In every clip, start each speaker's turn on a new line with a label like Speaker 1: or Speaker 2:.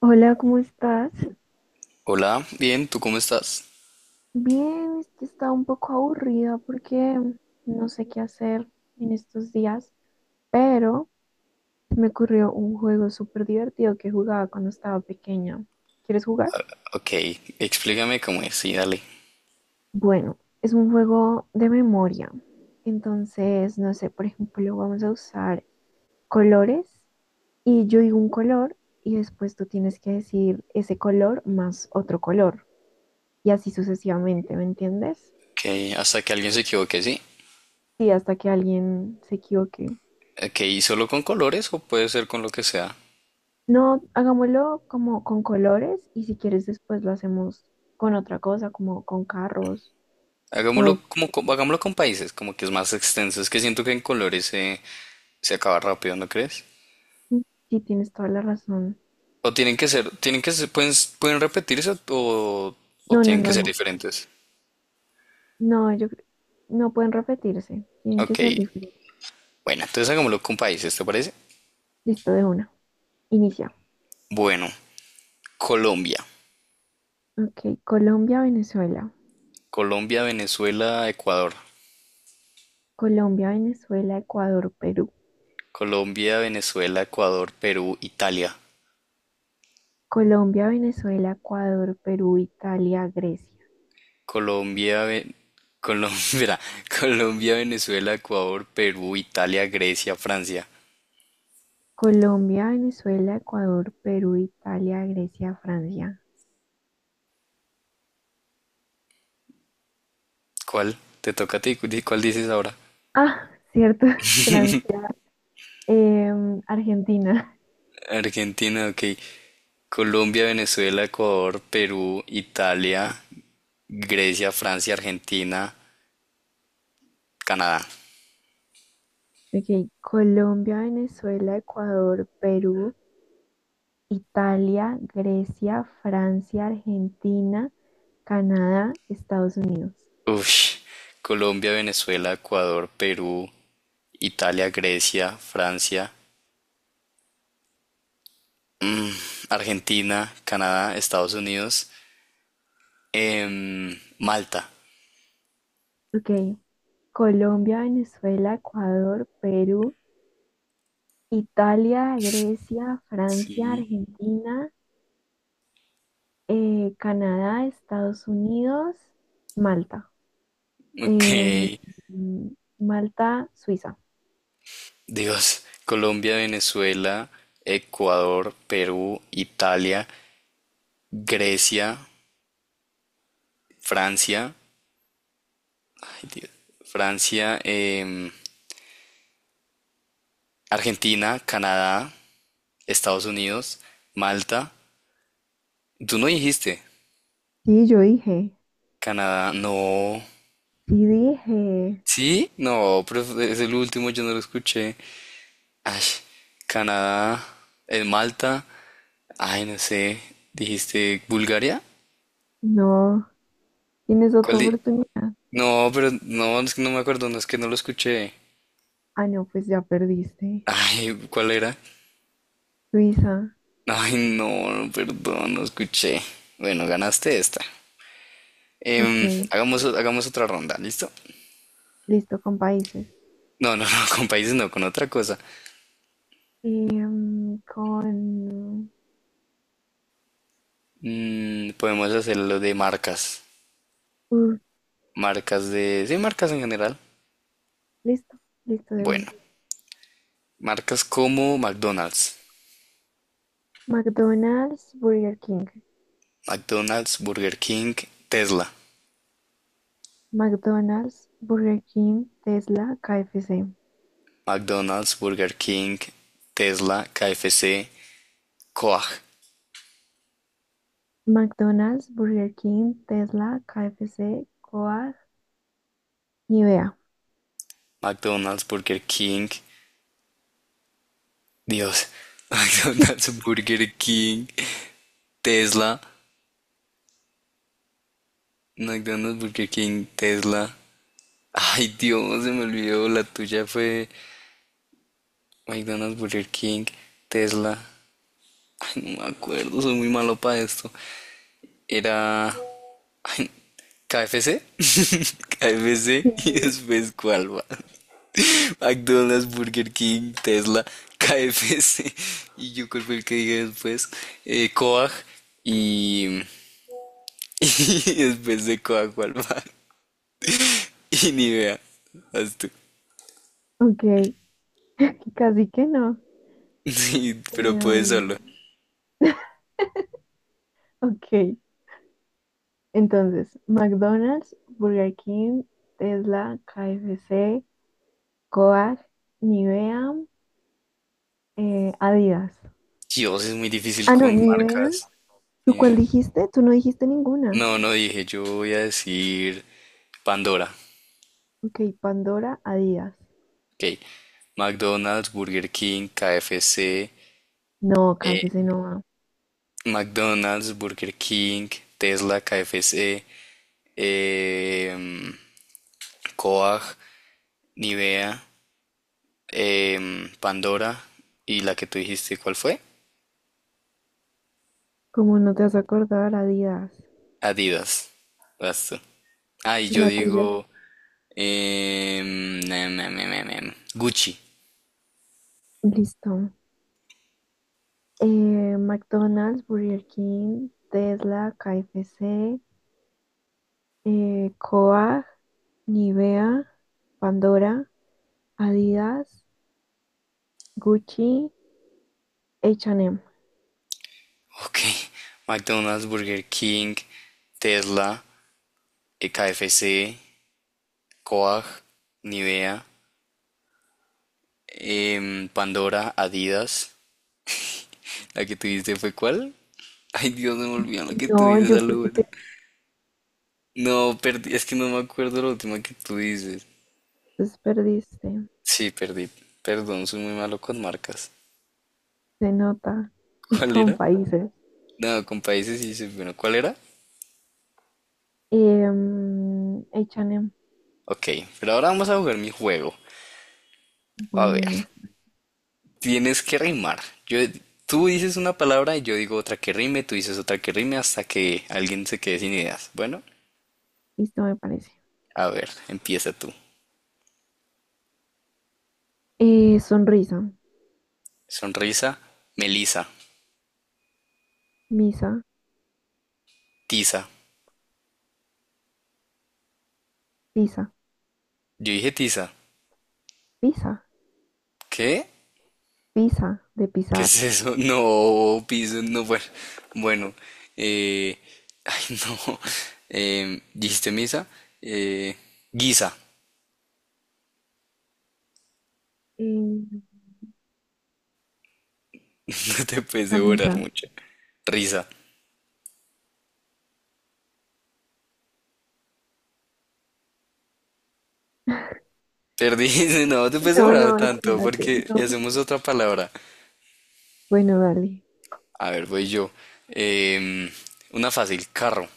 Speaker 1: Hola, ¿cómo estás?
Speaker 2: Hola, bien, ¿tú cómo estás?
Speaker 1: Bien, es que estaba un poco aburrida porque no sé qué hacer en estos días, pero me ocurrió un juego súper divertido que jugaba cuando estaba pequeña. ¿Quieres jugar?
Speaker 2: Ok, explícame cómo es, sí, dale.
Speaker 1: Bueno, es un juego de memoria. Entonces, no sé, por ejemplo, vamos a usar colores y yo digo un color y después tú tienes que decir ese color más otro color y así sucesivamente, ¿me entiendes?
Speaker 2: Ok, hasta que alguien se equivoque, sí.
Speaker 1: Sí, hasta que alguien se equivoque.
Speaker 2: Ok, ¿y solo con colores o puede ser con lo que sea?
Speaker 1: No, hagámoslo como con colores y si quieres después lo hacemos con otra cosa, como con carros
Speaker 2: Hagámoslo
Speaker 1: o
Speaker 2: como con, hagámoslo con países, como que es más extenso. Es que siento que en colores se, se acaba rápido, ¿no crees?
Speaker 1: si tienes toda la razón.
Speaker 2: O tienen que ser, pueden, pueden repetirse o
Speaker 1: No, no,
Speaker 2: tienen que
Speaker 1: no,
Speaker 2: ser
Speaker 1: no,
Speaker 2: diferentes.
Speaker 1: no, no pueden repetirse, tienen que
Speaker 2: Ok,
Speaker 1: ser diferentes.
Speaker 2: bueno, entonces hagámoslo con países, ¿te parece?
Speaker 1: Listo, de una. Inicia.
Speaker 2: Bueno, Colombia,
Speaker 1: Ok, Colombia, Venezuela.
Speaker 2: Colombia, Venezuela, Ecuador.
Speaker 1: Colombia, Venezuela, Ecuador, Perú.
Speaker 2: Colombia, Venezuela, Ecuador, Perú, Italia.
Speaker 1: Colombia, Venezuela, Ecuador, Perú, Italia, Grecia.
Speaker 2: Colombia, Ve- espera, Colombia, Venezuela, Ecuador, Perú, Italia, Grecia, Francia.
Speaker 1: Colombia, Venezuela, Ecuador, Perú, Italia, Grecia, Francia.
Speaker 2: ¿Cuál? Te toca a ti. ¿Cuál dices ahora?
Speaker 1: Ah, cierto, Francia. Argentina,
Speaker 2: Argentina, ok. Colombia, Venezuela, Ecuador, Perú, Italia, Grecia, Francia, Argentina, Canadá.
Speaker 1: ok, Colombia, Venezuela, Ecuador, Perú, Italia, Grecia, Francia, Argentina, Canadá, Estados Unidos.
Speaker 2: Ush. Colombia, Venezuela, Ecuador, Perú, Italia, Grecia, Francia, Argentina, Canadá, Estados Unidos. Malta.
Speaker 1: Ok, Colombia, Venezuela, Ecuador, Perú, Italia, Grecia, Francia,
Speaker 2: Sí.
Speaker 1: Argentina, Canadá, Estados Unidos, Malta.
Speaker 2: Ok.
Speaker 1: Em, mm, Malta, Suiza.
Speaker 2: Dios. Colombia, Venezuela, Ecuador, Perú, Italia, Grecia, Francia. Ay, Dios, Francia, Argentina, Canadá, Estados Unidos, Malta. Tú no dijiste.
Speaker 1: Sí, yo dije,
Speaker 2: Canadá, no.
Speaker 1: sí dije,
Speaker 2: ¿Sí? No, pero es el último, yo no lo escuché. Ay, Canadá, Malta. Ay, no sé. ¿Dijiste Bulgaria?
Speaker 1: no. Tienes otra
Speaker 2: ¿Cuál di-
Speaker 1: oportunidad.
Speaker 2: No, pero no, es que no me acuerdo, no es que no lo escuché.
Speaker 1: Ah, no, pues ya perdiste.
Speaker 2: Ay, ¿cuál era?
Speaker 1: Suiza,
Speaker 2: Ay, no, perdón, no escuché. Bueno, ganaste esta.
Speaker 1: ok,
Speaker 2: Hagamos otra ronda, ¿listo?
Speaker 1: listo, con países.
Speaker 2: No, no, no, con países no, con otra cosa.
Speaker 1: Em, con...
Speaker 2: Mm, podemos hacer lo de marcas.
Speaker 1: uh,
Speaker 2: Marcas de... Sí, marcas en general.
Speaker 1: Listo, listo de
Speaker 2: Bueno,
Speaker 1: una.
Speaker 2: marcas como McDonald's.
Speaker 1: McDonald's, Burger King.
Speaker 2: McDonald's, Burger King, Tesla.
Speaker 1: McDonald's, Burger King, Tesla, KFC.
Speaker 2: McDonald's, Burger King, Tesla, KFC, Coag.
Speaker 1: McDonald's, Burger King, Tesla, KFC, Coag, Nivea.
Speaker 2: McDonald's, Burger King, Dios, McDonald's, Burger King, Tesla, McDonald's, Burger King, Tesla. Ay, Dios, se me olvidó, la tuya fue McDonald's, Burger King, Tesla. Ay, no me acuerdo, soy muy malo para esto. Era KFC, KFC
Speaker 1: Sí,
Speaker 2: y después cuál va. McDonald's, Burger King, Tesla, KFC y yo cuál fue el que dije después, Coag y Y después de coajo al mar. Y ni vea. Haz tú.
Speaker 1: ok, casi que no.
Speaker 2: Sí, pero puedes
Speaker 1: Em,
Speaker 2: solo.
Speaker 1: ok, entonces, McDonald's, Burger King, Tesla, KFC, Coag, Nivea, Adidas.
Speaker 2: Dios, es muy difícil
Speaker 1: Ah, no,
Speaker 2: con
Speaker 1: Nivea.
Speaker 2: marcas.
Speaker 1: ¿Tú
Speaker 2: Ni
Speaker 1: cuál
Speaker 2: idea.
Speaker 1: dijiste? Tú no dijiste ninguna.
Speaker 2: No, no dije. Yo voy a decir Pandora.
Speaker 1: Ok, Pandora, Adidas.
Speaker 2: Ok. McDonald's, Burger King, KFC.
Speaker 1: No,
Speaker 2: eh,
Speaker 1: KFC no va.
Speaker 2: McDonald's, Burger King, Tesla, KFC. Eh, Coag, Nivea, Pandora. Y la que tú dijiste, ¿cuál fue?
Speaker 1: ¿Cómo no te vas a acordar, Adidas?
Speaker 2: Adidas. Vas tú. Ay,
Speaker 1: ¿Y
Speaker 2: yo
Speaker 1: la tuya?
Speaker 2: digo. Gucci.
Speaker 1: Listo. McDonald's, Burger King, Tesla, KFC, Coag, Nivea, Pandora, Adidas. Gucci, H&M.
Speaker 2: Ok. McDonald's, Burger King, Tesla, KFC, Coag, Nivea, Pandora, Adidas. ¿La que tuviste fue cuál? Ay, Dios, se me olvidó la que tú
Speaker 1: No,
Speaker 2: dices,
Speaker 1: yo
Speaker 2: a lo
Speaker 1: porque te
Speaker 2: bueno. No, perdí, es que no me acuerdo la última que tú dices.
Speaker 1: desperdiste.
Speaker 2: Sí, perdí. Perdón, soy muy malo con marcas.
Speaker 1: Se nota. Y
Speaker 2: ¿Cuál
Speaker 1: con
Speaker 2: era?
Speaker 1: países.
Speaker 2: No, con países y dices, bueno, ¿cuál era?
Speaker 1: H&M.
Speaker 2: Ok, pero ahora vamos a jugar mi juego. A ver,
Speaker 1: Bueno, es-
Speaker 2: tienes que rimar. Yo, tú dices una palabra y yo digo otra que rime, tú dices otra que rime hasta que alguien se quede sin ideas. Bueno,
Speaker 1: Listo, me parece.
Speaker 2: a ver, empieza tú.
Speaker 1: Sonrisa.
Speaker 2: Sonrisa, Melisa,
Speaker 1: Misa.
Speaker 2: tiza.
Speaker 1: Pisa.
Speaker 2: Yo dije tiza.
Speaker 1: Pisa.
Speaker 2: ¿Qué?
Speaker 1: Pisa. De
Speaker 2: ¿Qué
Speaker 1: pisar.
Speaker 2: es eso? No, piso, no, bueno. Bueno, eh, ay, no. ¿Dijiste misa? Eh, guisa.
Speaker 1: Em,
Speaker 2: No te puedes devorar
Speaker 1: Camisa.
Speaker 2: mucho. Risa. Perdí, no te puedes
Speaker 1: No,
Speaker 2: devorar
Speaker 1: no,
Speaker 2: tanto
Speaker 1: espérate.
Speaker 2: porque
Speaker 1: No.
Speaker 2: y hacemos otra palabra.
Speaker 1: Bueno, dale.
Speaker 2: A ver, voy yo. Em, una fácil, carro.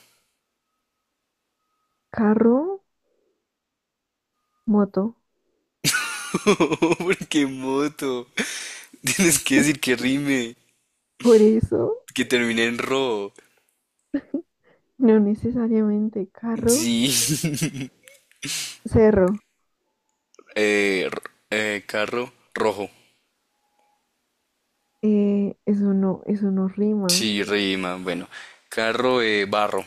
Speaker 1: Carro, moto.
Speaker 2: Porque moto. Tienes que decir que rime,
Speaker 1: Por eso,
Speaker 2: que termine en ro.
Speaker 1: no necesariamente carro.
Speaker 2: Sí.
Speaker 1: Cerro.
Speaker 2: Eh, r- carro rojo.
Speaker 1: Eso no rima.
Speaker 2: Sí, rima. Bueno, carro barro.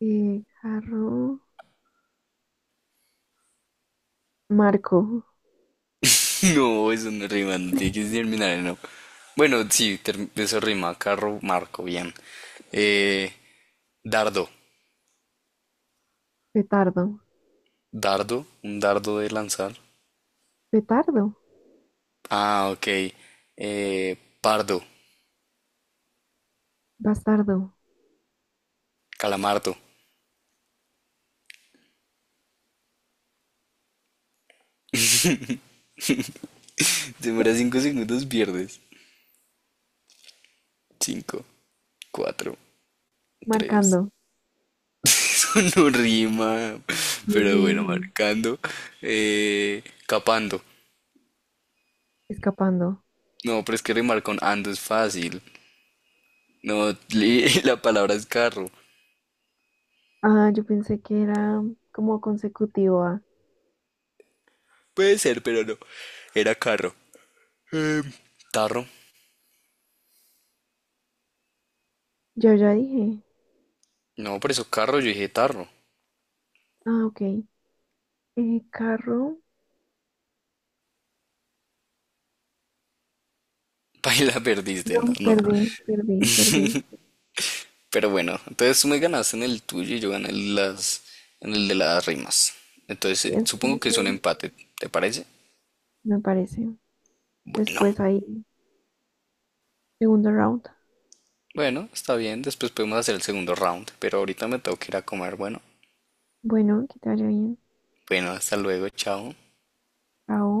Speaker 1: Jarro, marco,
Speaker 2: No, eso no rima, no tiene que terminar en O. Bueno, sí, eso rima, carro, marco, bien. Eh, dardo,
Speaker 1: petardo,
Speaker 2: dardo, un dardo de lanzar.
Speaker 1: petardo,
Speaker 2: Ah, ok. Pardo,
Speaker 1: bastardo,
Speaker 2: calamardo. Te demora cinco segundos, pierdes. Cinco, cuatro, tres.
Speaker 1: marcando,
Speaker 2: No rima, pero bueno,
Speaker 1: Irwin,
Speaker 2: marcando. Eh, capando.
Speaker 1: escapando.
Speaker 2: No, pero es que rimar con ando es fácil. No, la palabra es carro.
Speaker 1: Ah, yo pensé que era como consecutivo a.
Speaker 2: Puede ser, pero no. Era carro. Em, tarro.
Speaker 1: Yo ya dije.
Speaker 2: No, por eso carro, yo dije tarro.
Speaker 1: Ah, ok. Carro,
Speaker 2: Paila, perdiste,
Speaker 1: no,
Speaker 2: no, no.
Speaker 1: perdí, perdí, perdí.
Speaker 2: Pero bueno, entonces tú me ganaste en el tuyo y yo gané en las, en el de las rimas. Entonces,
Speaker 1: Es que
Speaker 2: supongo que es un
Speaker 1: ese
Speaker 2: empate, ¿te parece?
Speaker 1: me parece.
Speaker 2: Bueno,
Speaker 1: Después ahí, segundo round.
Speaker 2: bueno, está bien, después podemos hacer el segundo round, pero ahorita me tengo que ir a comer, bueno.
Speaker 1: Bueno, que te vaya bien.
Speaker 2: Bueno, hasta luego, chao.
Speaker 1: Chao.